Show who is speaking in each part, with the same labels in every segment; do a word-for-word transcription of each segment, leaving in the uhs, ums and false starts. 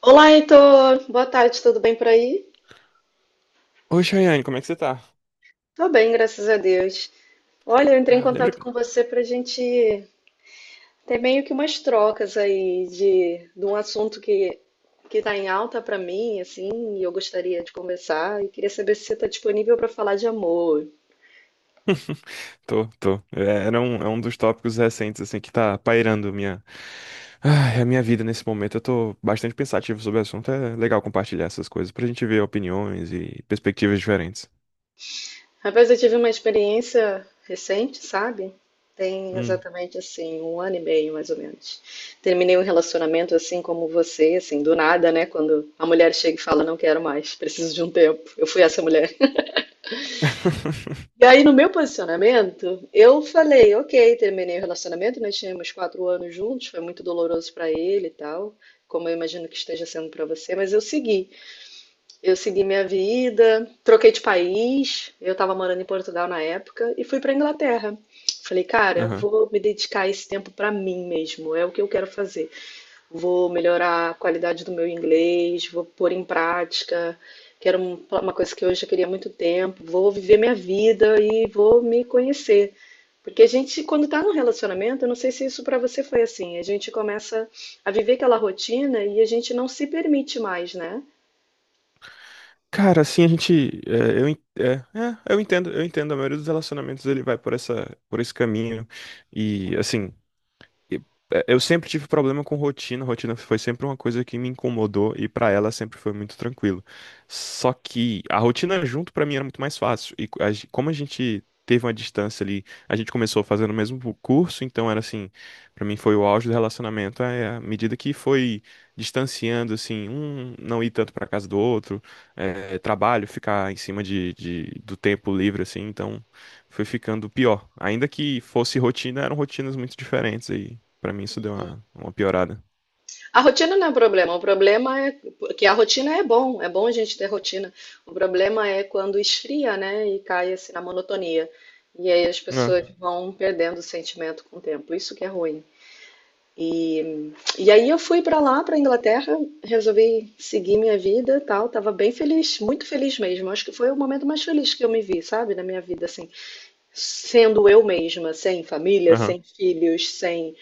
Speaker 1: Olá, Heitor. Boa tarde, tudo bem por aí?
Speaker 2: Oi, Chayane, como é que você tá?
Speaker 1: Tô bem, graças a Deus. Olha, eu entrei em
Speaker 2: Ah, lembra
Speaker 1: contato
Speaker 2: que...
Speaker 1: com você para gente ter meio que umas trocas aí de, de um assunto que que tá em alta para mim, assim, e eu gostaria de conversar. E queria saber se você tá disponível para falar de amor.
Speaker 2: Tô, tô. É, era um, é um dos tópicos recentes, assim, que tá pairando minha... Ai, a minha vida nesse momento. Eu tô bastante pensativo sobre o assunto. É legal compartilhar essas coisas pra gente ver opiniões e perspectivas diferentes.
Speaker 1: Rapaz, eu tive uma experiência recente, sabe? Tem
Speaker 2: Hum.
Speaker 1: exatamente assim, um ano e meio, mais ou menos. Terminei um relacionamento assim como você, assim, do nada, né? Quando a mulher chega e fala, não quero mais, preciso de um tempo. Eu fui essa mulher. E aí, no meu posicionamento, eu falei, ok, terminei o relacionamento, nós tínhamos quatro anos juntos, foi muito doloroso pra ele e tal, como eu imagino que esteja sendo pra você, mas eu segui. Eu segui minha vida, troquei de país. Eu estava morando em Portugal na época e fui para Inglaterra. Falei, cara,
Speaker 2: Aham.
Speaker 1: vou me dedicar esse tempo para mim mesmo, é o que eu quero fazer. Vou melhorar a qualidade do meu inglês, vou pôr em prática, que era um- uma coisa que eu já queria há muito tempo. Vou viver minha vida e vou me conhecer. Porque a gente, quando está num relacionamento, eu não sei se isso para você foi assim, a gente começa a viver aquela rotina e a gente não se permite mais, né?
Speaker 2: Cara, assim, a gente... é, eu, en- é, é, eu entendo, eu entendo. A maioria dos relacionamentos, ele vai por essa, por esse caminho. E, assim... E, é, Eu sempre tive problema com rotina, rotina foi sempre uma coisa que me incomodou e pra ela sempre foi muito tranquilo. Só que a rotina junto pra mim era muito mais fácil. E co- a gen- como a gente teve uma distância ali, a gente começou fazendo o mesmo curso, então era assim, pra mim foi o auge do relacionamento, é à medida que foi distanciando, assim, um não ir tanto pra casa do outro, é, trabalho, ficar em cima de, de- do tempo livre, assim, então foi ficando pior. Ainda que fosse rotina, eram rotinas muito diferentes. Pra mim isso deu uma, uma piorada.
Speaker 1: A rotina não é um problema, o problema é que a rotina é bom, é bom a gente ter rotina. O problema é quando esfria, né, e cai assim na monotonia. E aí as
Speaker 2: Ah,
Speaker 1: pessoas vão perdendo o sentimento com o tempo. Isso que é ruim. E, e aí eu fui para lá, para Inglaterra, resolvi seguir minha vida, e tal, tava bem feliz, muito feliz mesmo. Acho que foi o momento mais feliz que eu me vi, sabe, na minha vida assim, sendo eu mesma, sem família,
Speaker 2: aham,
Speaker 1: sem filhos, sem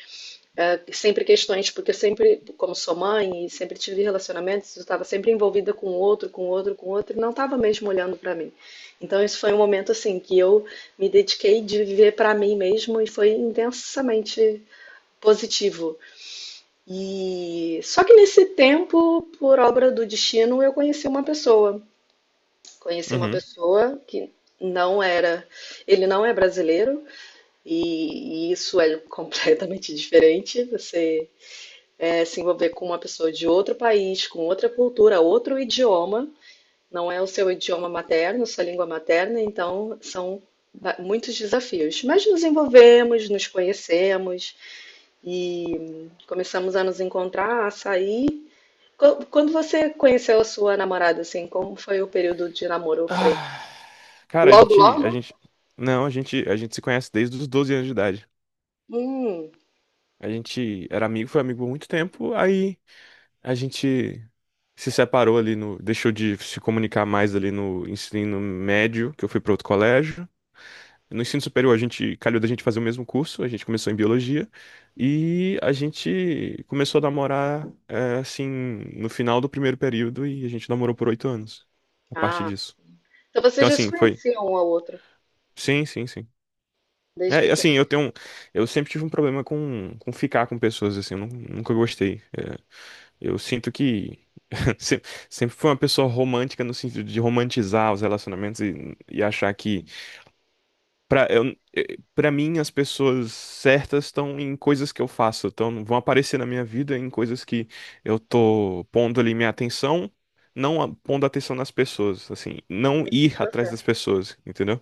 Speaker 1: é, sempre questões, porque eu sempre, como sou mãe e sempre tive relacionamentos, eu estava sempre envolvida com outro, com outro, com outro, e não estava mesmo olhando para mim. Então, isso foi um momento assim que eu me dediquei de viver para mim mesmo e foi intensamente positivo. E só que nesse tempo, por obra do destino, eu conheci uma pessoa. Conheci uma
Speaker 2: uhum.
Speaker 1: pessoa que não era, ele não é brasileiro e, e isso é completamente diferente. Você é, se envolver com uma pessoa de outro país, com outra cultura, outro idioma, não é o seu idioma materno, sua língua materna, então são ba- muitos desafios. Mas nos envolvemos, nos conhecemos e começamos a nos encontrar, a sair. Qu- Quando você conheceu a sua namorada, assim, como foi o período de namoro? Foi
Speaker 2: Ah, cara, a
Speaker 1: logo,
Speaker 2: gente, a
Speaker 1: logo?
Speaker 2: gente, não, a gente, a gente se conhece desde os doze anos de idade.
Speaker 1: Hum,
Speaker 2: A gente era amigo, foi amigo por muito tempo, aí a gente se separou ali no, deixou de se comunicar mais ali no ensino médio, que eu fui pra outro colégio. No ensino superior, a gente calhou da gente fazer o mesmo curso, a gente começou em biologia e a gente começou a namorar, é, assim, no final do primeiro período, e a gente namorou por oito anos a partir
Speaker 1: ah.
Speaker 2: disso.
Speaker 1: Então vocês
Speaker 2: Então,
Speaker 1: já se
Speaker 2: assim, foi.
Speaker 1: conheciam um ao outro
Speaker 2: Sim, sim, sim.
Speaker 1: desde
Speaker 2: É, assim,
Speaker 1: pequeno.
Speaker 2: eu tenho. um- Eu sempre tive um problema com, com ficar com pessoas, assim, eu nun- nunca gostei. É, eu sinto que. se- Sempre fui uma pessoa romântica no sentido de romantizar os relacionamentos e, e achar que Pra, eu, eh, pra mim, as pessoas certas estão em coisas que eu faço, então vão aparecer na minha vida em coisas que eu tô pondo ali minha atenção, não a- pondo atenção nas pessoas, assim, não
Speaker 1: Vocês
Speaker 2: ir
Speaker 1: se
Speaker 2: atrás das pessoas, entendeu?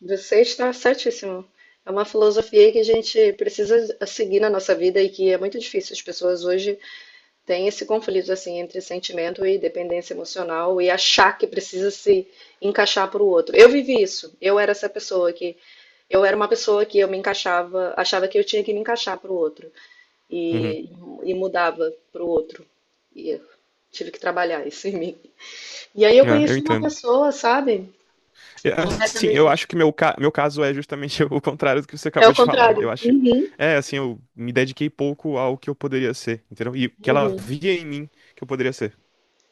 Speaker 1: Você está certíssimo. É uma filosofia que a gente precisa seguir na nossa vida e que é muito difícil. As pessoas hoje têm esse conflito assim entre sentimento e dependência emocional e achar que precisa se encaixar para o outro. Eu vivi isso. Eu era essa pessoa que eu era uma pessoa que eu me encaixava, achava que eu tinha que me encaixar para o outro
Speaker 2: Uhum.
Speaker 1: e, e mudava para o outro. E eu tive que trabalhar isso em mim. E aí eu
Speaker 2: É, eu
Speaker 1: conheci uma
Speaker 2: entendo.
Speaker 1: pessoa, sabe?
Speaker 2: É, Assim, eu
Speaker 1: Também
Speaker 2: acho que meu, ca- meu caso é justamente o contrário do que você
Speaker 1: é o
Speaker 2: acabou de falar.
Speaker 1: contrário.
Speaker 2: Eu acho.
Speaker 1: Uhum,
Speaker 2: É, assim, eu me dediquei pouco ao que eu poderia ser, entendeu? E que ela
Speaker 1: uhum.
Speaker 2: via em mim que eu poderia ser.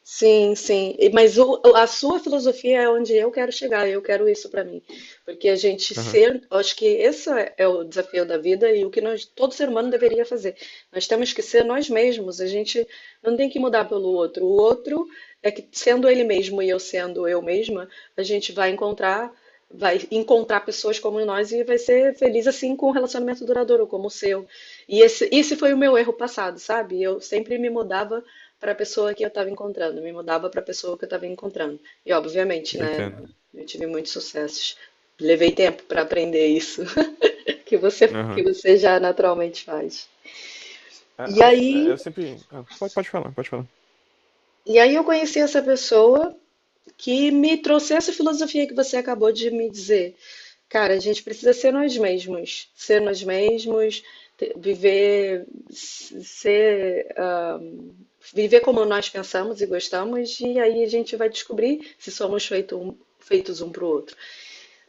Speaker 1: Sim, sim. E- Mas o- a sua filosofia é onde eu quero chegar, eu quero isso para mim. Porque a gente
Speaker 2: Aham,
Speaker 1: ser, eu acho que esse é é o desafio da vida e o que nós, todo ser humano deveria fazer. Nós temos que ser nós mesmos, a gente não tem que mudar pelo outro. O outro é que sendo ele mesmo e eu sendo eu mesma, a gente vai encontrar, vai encontrar pessoas como nós e vai ser feliz assim com um relacionamento duradouro como o seu. E esse, esse foi o meu erro passado, sabe? Eu sempre me mudava para a pessoa que eu estava encontrando, me mudava para a pessoa que eu estava encontrando. E obviamente,
Speaker 2: eu
Speaker 1: né,
Speaker 2: entendo.
Speaker 1: eu tive muitos sucessos. Levei tempo para aprender isso que você que
Speaker 2: Aham.
Speaker 1: você já naturalmente faz. E
Speaker 2: a- as- é,
Speaker 1: aí,
Speaker 2: Eu sempre. ah, Pode, pode falar, pode falar.
Speaker 1: e aí eu conheci essa pessoa que me trouxe essa filosofia que você acabou de me dizer. Cara, a gente precisa ser nós mesmos, ser nós mesmos, te- viver, s- ser, ah, viver como nós pensamos e gostamos, e aí a gente vai descobrir se somos feito um- feitos um para o outro.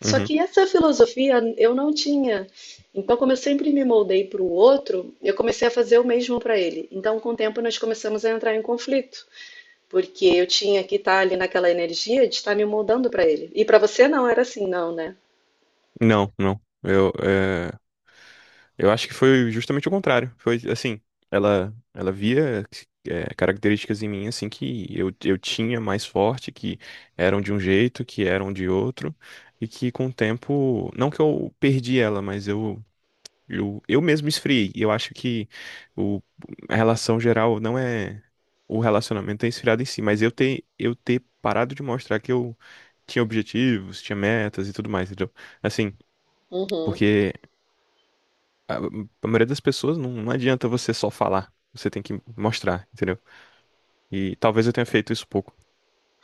Speaker 1: Só
Speaker 2: Uhum.
Speaker 1: que essa filosofia eu não tinha. Então, como eu sempre me moldei para o outro, eu comecei a fazer o mesmo para ele. Então, com o tempo, nós começamos a entrar em conflito, porque eu tinha que estar ali naquela energia de estar me moldando para ele. E para você não era assim, não, né?
Speaker 2: Não, não. Eu, é, eu acho que foi justamente o contrário. Foi assim, ela, ela via, é, características em mim assim que eu, eu tinha mais forte, que eram de um jeito, que eram de outro, e que com o tempo, não que eu perdi ela, mas eu Eu, eu mesmo esfriei. E eu acho que o, a relação geral não é o relacionamento é esfriado em si, mas eu ter, eu ter parado de mostrar que eu tinha objetivos, tinha metas e tudo mais, entendeu? Assim,
Speaker 1: Uhum.
Speaker 2: porque a, a maioria das pessoas não, não adianta você só falar, você tem que mostrar, entendeu? E talvez eu tenha feito isso pouco.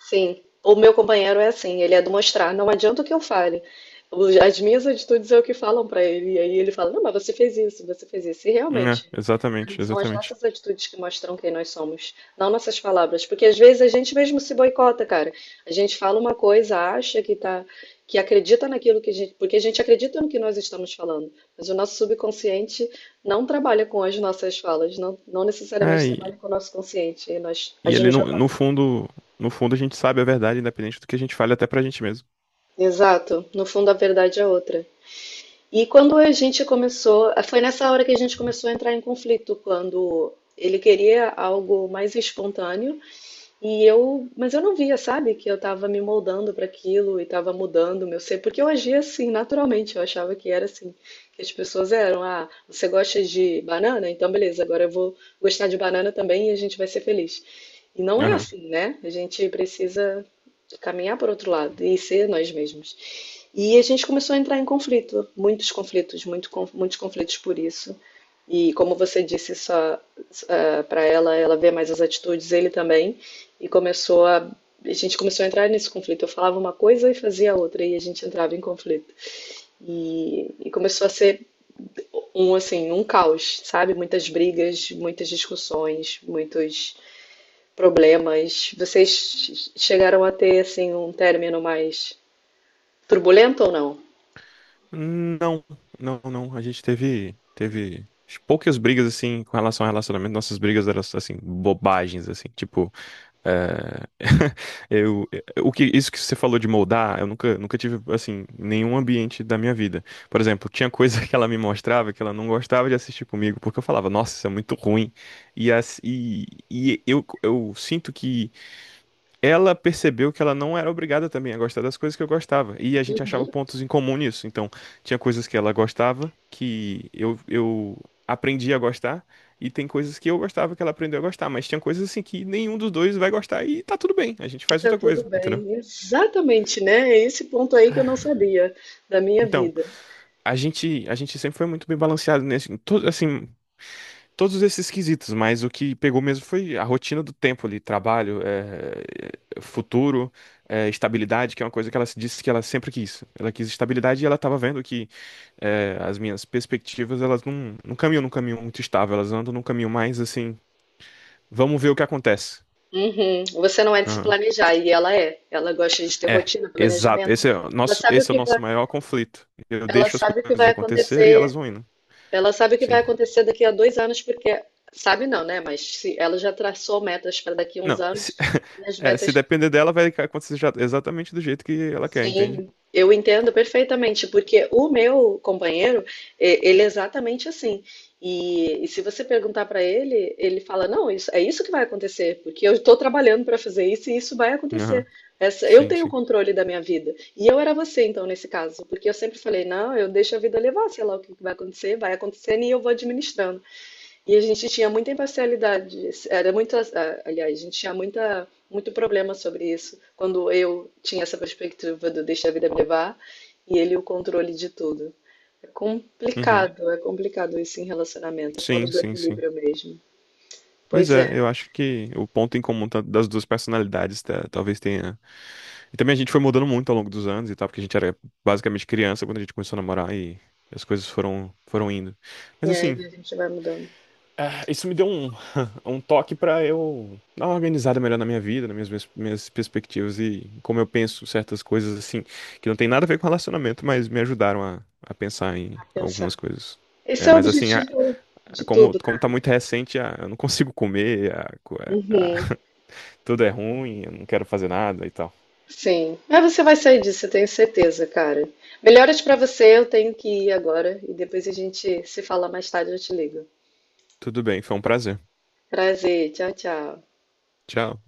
Speaker 1: Sim, o meu companheiro é assim, ele é do mostrar, não adianta o que eu fale. Os- As minhas atitudes é o que falam pra ele, e aí ele fala: Não, mas você fez isso, você fez isso. E
Speaker 2: É,
Speaker 1: realmente,
Speaker 2: exatamente,
Speaker 1: são as
Speaker 2: exatamente.
Speaker 1: nossas atitudes que mostram quem nós somos, não nossas palavras. Porque às vezes a gente mesmo se boicota, cara. A gente fala uma coisa, acha que tá, que acredita naquilo que a gente, porque a gente acredita no que nós estamos falando, mas o nosso subconsciente não trabalha com as nossas falas, não, não
Speaker 2: É,
Speaker 1: necessariamente trabalha
Speaker 2: e,
Speaker 1: com o nosso consciente, e nós
Speaker 2: e ali
Speaker 1: agimos de
Speaker 2: no,
Speaker 1: outra
Speaker 2: no
Speaker 1: forma.
Speaker 2: fundo, no fundo a gente sabe a verdade, independente do que a gente fale até pra gente mesmo.
Speaker 1: Exato, no fundo a verdade é outra. E quando a gente começou, foi nessa hora que a gente começou a entrar em conflito, quando ele queria algo mais espontâneo. E eu, mas eu não via, sabe, que eu tava me moldando para aquilo e tava mudando o meu ser, porque eu agia assim, naturalmente, eu achava que era assim, que as pessoas eram, ah, você gosta de banana? Então beleza, agora eu vou gostar de banana também e a gente vai ser feliz. E não é
Speaker 2: Aham.
Speaker 1: assim, né? A gente precisa caminhar por outro lado e ser nós mesmos. E a gente começou a entrar em conflito, muitos conflitos, muito, con- muitos conflitos por isso. E como você disse, só para ela, ela vê mais as atitudes, ele também. E começou a, a gente começou a entrar nesse conflito. Eu falava uma coisa e fazia outra, e a gente entrava em conflito. E, e começou a ser um assim, um caos, sabe? Muitas brigas, muitas discussões, muitos problemas. Vocês chegaram a ter assim um término mais turbulento ou não?
Speaker 2: Não, não, não. A gente teve, teve poucas brigas assim com relação ao relacionamento. Nossas brigas eram assim bobagens assim, tipo, é, eu, o que isso que você falou de moldar, eu nunca, nunca tive assim em nenhum ambiente da minha vida. Por exemplo, tinha coisa que ela me mostrava que ela não gostava de assistir comigo porque eu falava, nossa, isso é muito ruim. E, as- e, e eu, eu sinto que ela percebeu que ela não era obrigada também a gostar das coisas que eu gostava. E a gente achava
Speaker 1: Uhum.
Speaker 2: pontos em comum nisso. Então, tinha coisas que ela gostava que eu, eu aprendi a gostar, e tem coisas que eu gostava que ela aprendeu a gostar. Mas tinha coisas assim que nenhum dos dois vai gostar e tá tudo bem. A gente
Speaker 1: E
Speaker 2: faz
Speaker 1: tá
Speaker 2: outra
Speaker 1: tudo
Speaker 2: coisa, entendeu?
Speaker 1: bem. Exatamente, né? É esse ponto aí que eu não sabia da minha
Speaker 2: Então,
Speaker 1: vida.
Speaker 2: a gente, a gente sempre foi muito bem balanceado nesse, em todo, assim, todos esses quesitos, mas o que pegou mesmo foi a rotina do tempo ali, trabalho, eh, futuro, eh, estabilidade, que é uma coisa que ela se disse que ela sempre quis. Ela quis estabilidade e ela estava vendo que, eh, as minhas perspectivas, elas não, não caminham num caminho muito estável, elas andam num caminho mais assim, vamos ver o que acontece.
Speaker 1: Uhum. Você não é de se
Speaker 2: Aham.
Speaker 1: planejar, e ela é. Ela gosta de ter
Speaker 2: É,
Speaker 1: rotina,
Speaker 2: exato.
Speaker 1: planejamento.
Speaker 2: Esse é o
Speaker 1: Ela
Speaker 2: nosso,
Speaker 1: sabe o
Speaker 2: esse é o
Speaker 1: que vai,
Speaker 2: nosso maior conflito. Eu
Speaker 1: ela
Speaker 2: deixo as
Speaker 1: sabe o que
Speaker 2: coisas
Speaker 1: vai
Speaker 2: acontecer e elas
Speaker 1: acontecer,
Speaker 2: vão indo.
Speaker 1: ela sabe o que vai
Speaker 2: Sim.
Speaker 1: acontecer daqui a dois anos, porque sabe não, né? Mas se ela já traçou metas para daqui a uns
Speaker 2: Não, se,
Speaker 1: anos, e as
Speaker 2: é, Se
Speaker 1: metas
Speaker 2: depender dela, vai acontecer já- exatamente do jeito que ela quer, entende?
Speaker 1: Sim. Eu entendo perfeitamente, porque o meu companheiro, é, ele é exatamente assim. E, e se você perguntar para ele, ele fala: Não, isso, é isso que vai acontecer, porque eu estou trabalhando para fazer isso e isso vai acontecer.
Speaker 2: Aham.
Speaker 1: Essa, eu
Speaker 2: Sim,
Speaker 1: tenho o
Speaker 2: sim.
Speaker 1: controle da minha vida. E eu era você, então, nesse caso, porque eu sempre falei: Não, eu deixo a vida levar, sei lá o que que vai acontecer, vai acontecendo e eu vou administrando. E a gente tinha muita imparcialidade, era muito, ah, aliás, a gente tinha muita, muito problema sobre isso, quando eu tinha essa perspectiva do deixa a vida me levar e ele o controle de tudo. É
Speaker 2: Uhum.
Speaker 1: complicado, é complicado isso em relacionamento, é falta
Speaker 2: Sim,
Speaker 1: do
Speaker 2: sim, sim.
Speaker 1: equilíbrio mesmo.
Speaker 2: Pois
Speaker 1: Pois é,
Speaker 2: é, eu acho que o ponto em comum ta- das duas personalidades ta- talvez tenha. E também a gente foi mudando muito ao longo dos anos e tal, porque a gente era basicamente criança quando a gente começou a namorar e as coisas foram, foram indo. Mas
Speaker 1: é,
Speaker 2: assim,
Speaker 1: e a gente vai mudando
Speaker 2: ah, isso me deu um, um toque pra eu dar uma organizada melhor na minha vida, nas minhas, minhas minhas perspectivas e como eu penso certas coisas assim, que não tem nada a ver com relacionamento, mas me ajudaram a, a pensar em
Speaker 1: a
Speaker 2: algumas
Speaker 1: pensar.
Speaker 2: coisas.
Speaker 1: Esse
Speaker 2: É,
Speaker 1: é o
Speaker 2: mas assim, a-
Speaker 1: objetivo de
Speaker 2: é, como,
Speaker 1: tudo,
Speaker 2: como tá
Speaker 1: cara.
Speaker 2: muito recente, ah, eu não consigo comer, ah, co- é, ah,
Speaker 1: Uhum.
Speaker 2: tudo é ruim, eu não quero fazer nada e tal.
Speaker 1: Sim. Mas você vai sair disso, eu tenho certeza, cara. Melhoras pra você, eu tenho que ir agora e depois a gente se fala mais tarde, eu te ligo.
Speaker 2: Tudo bem, foi um prazer.
Speaker 1: Prazer, tchau, tchau.
Speaker 2: Tchau.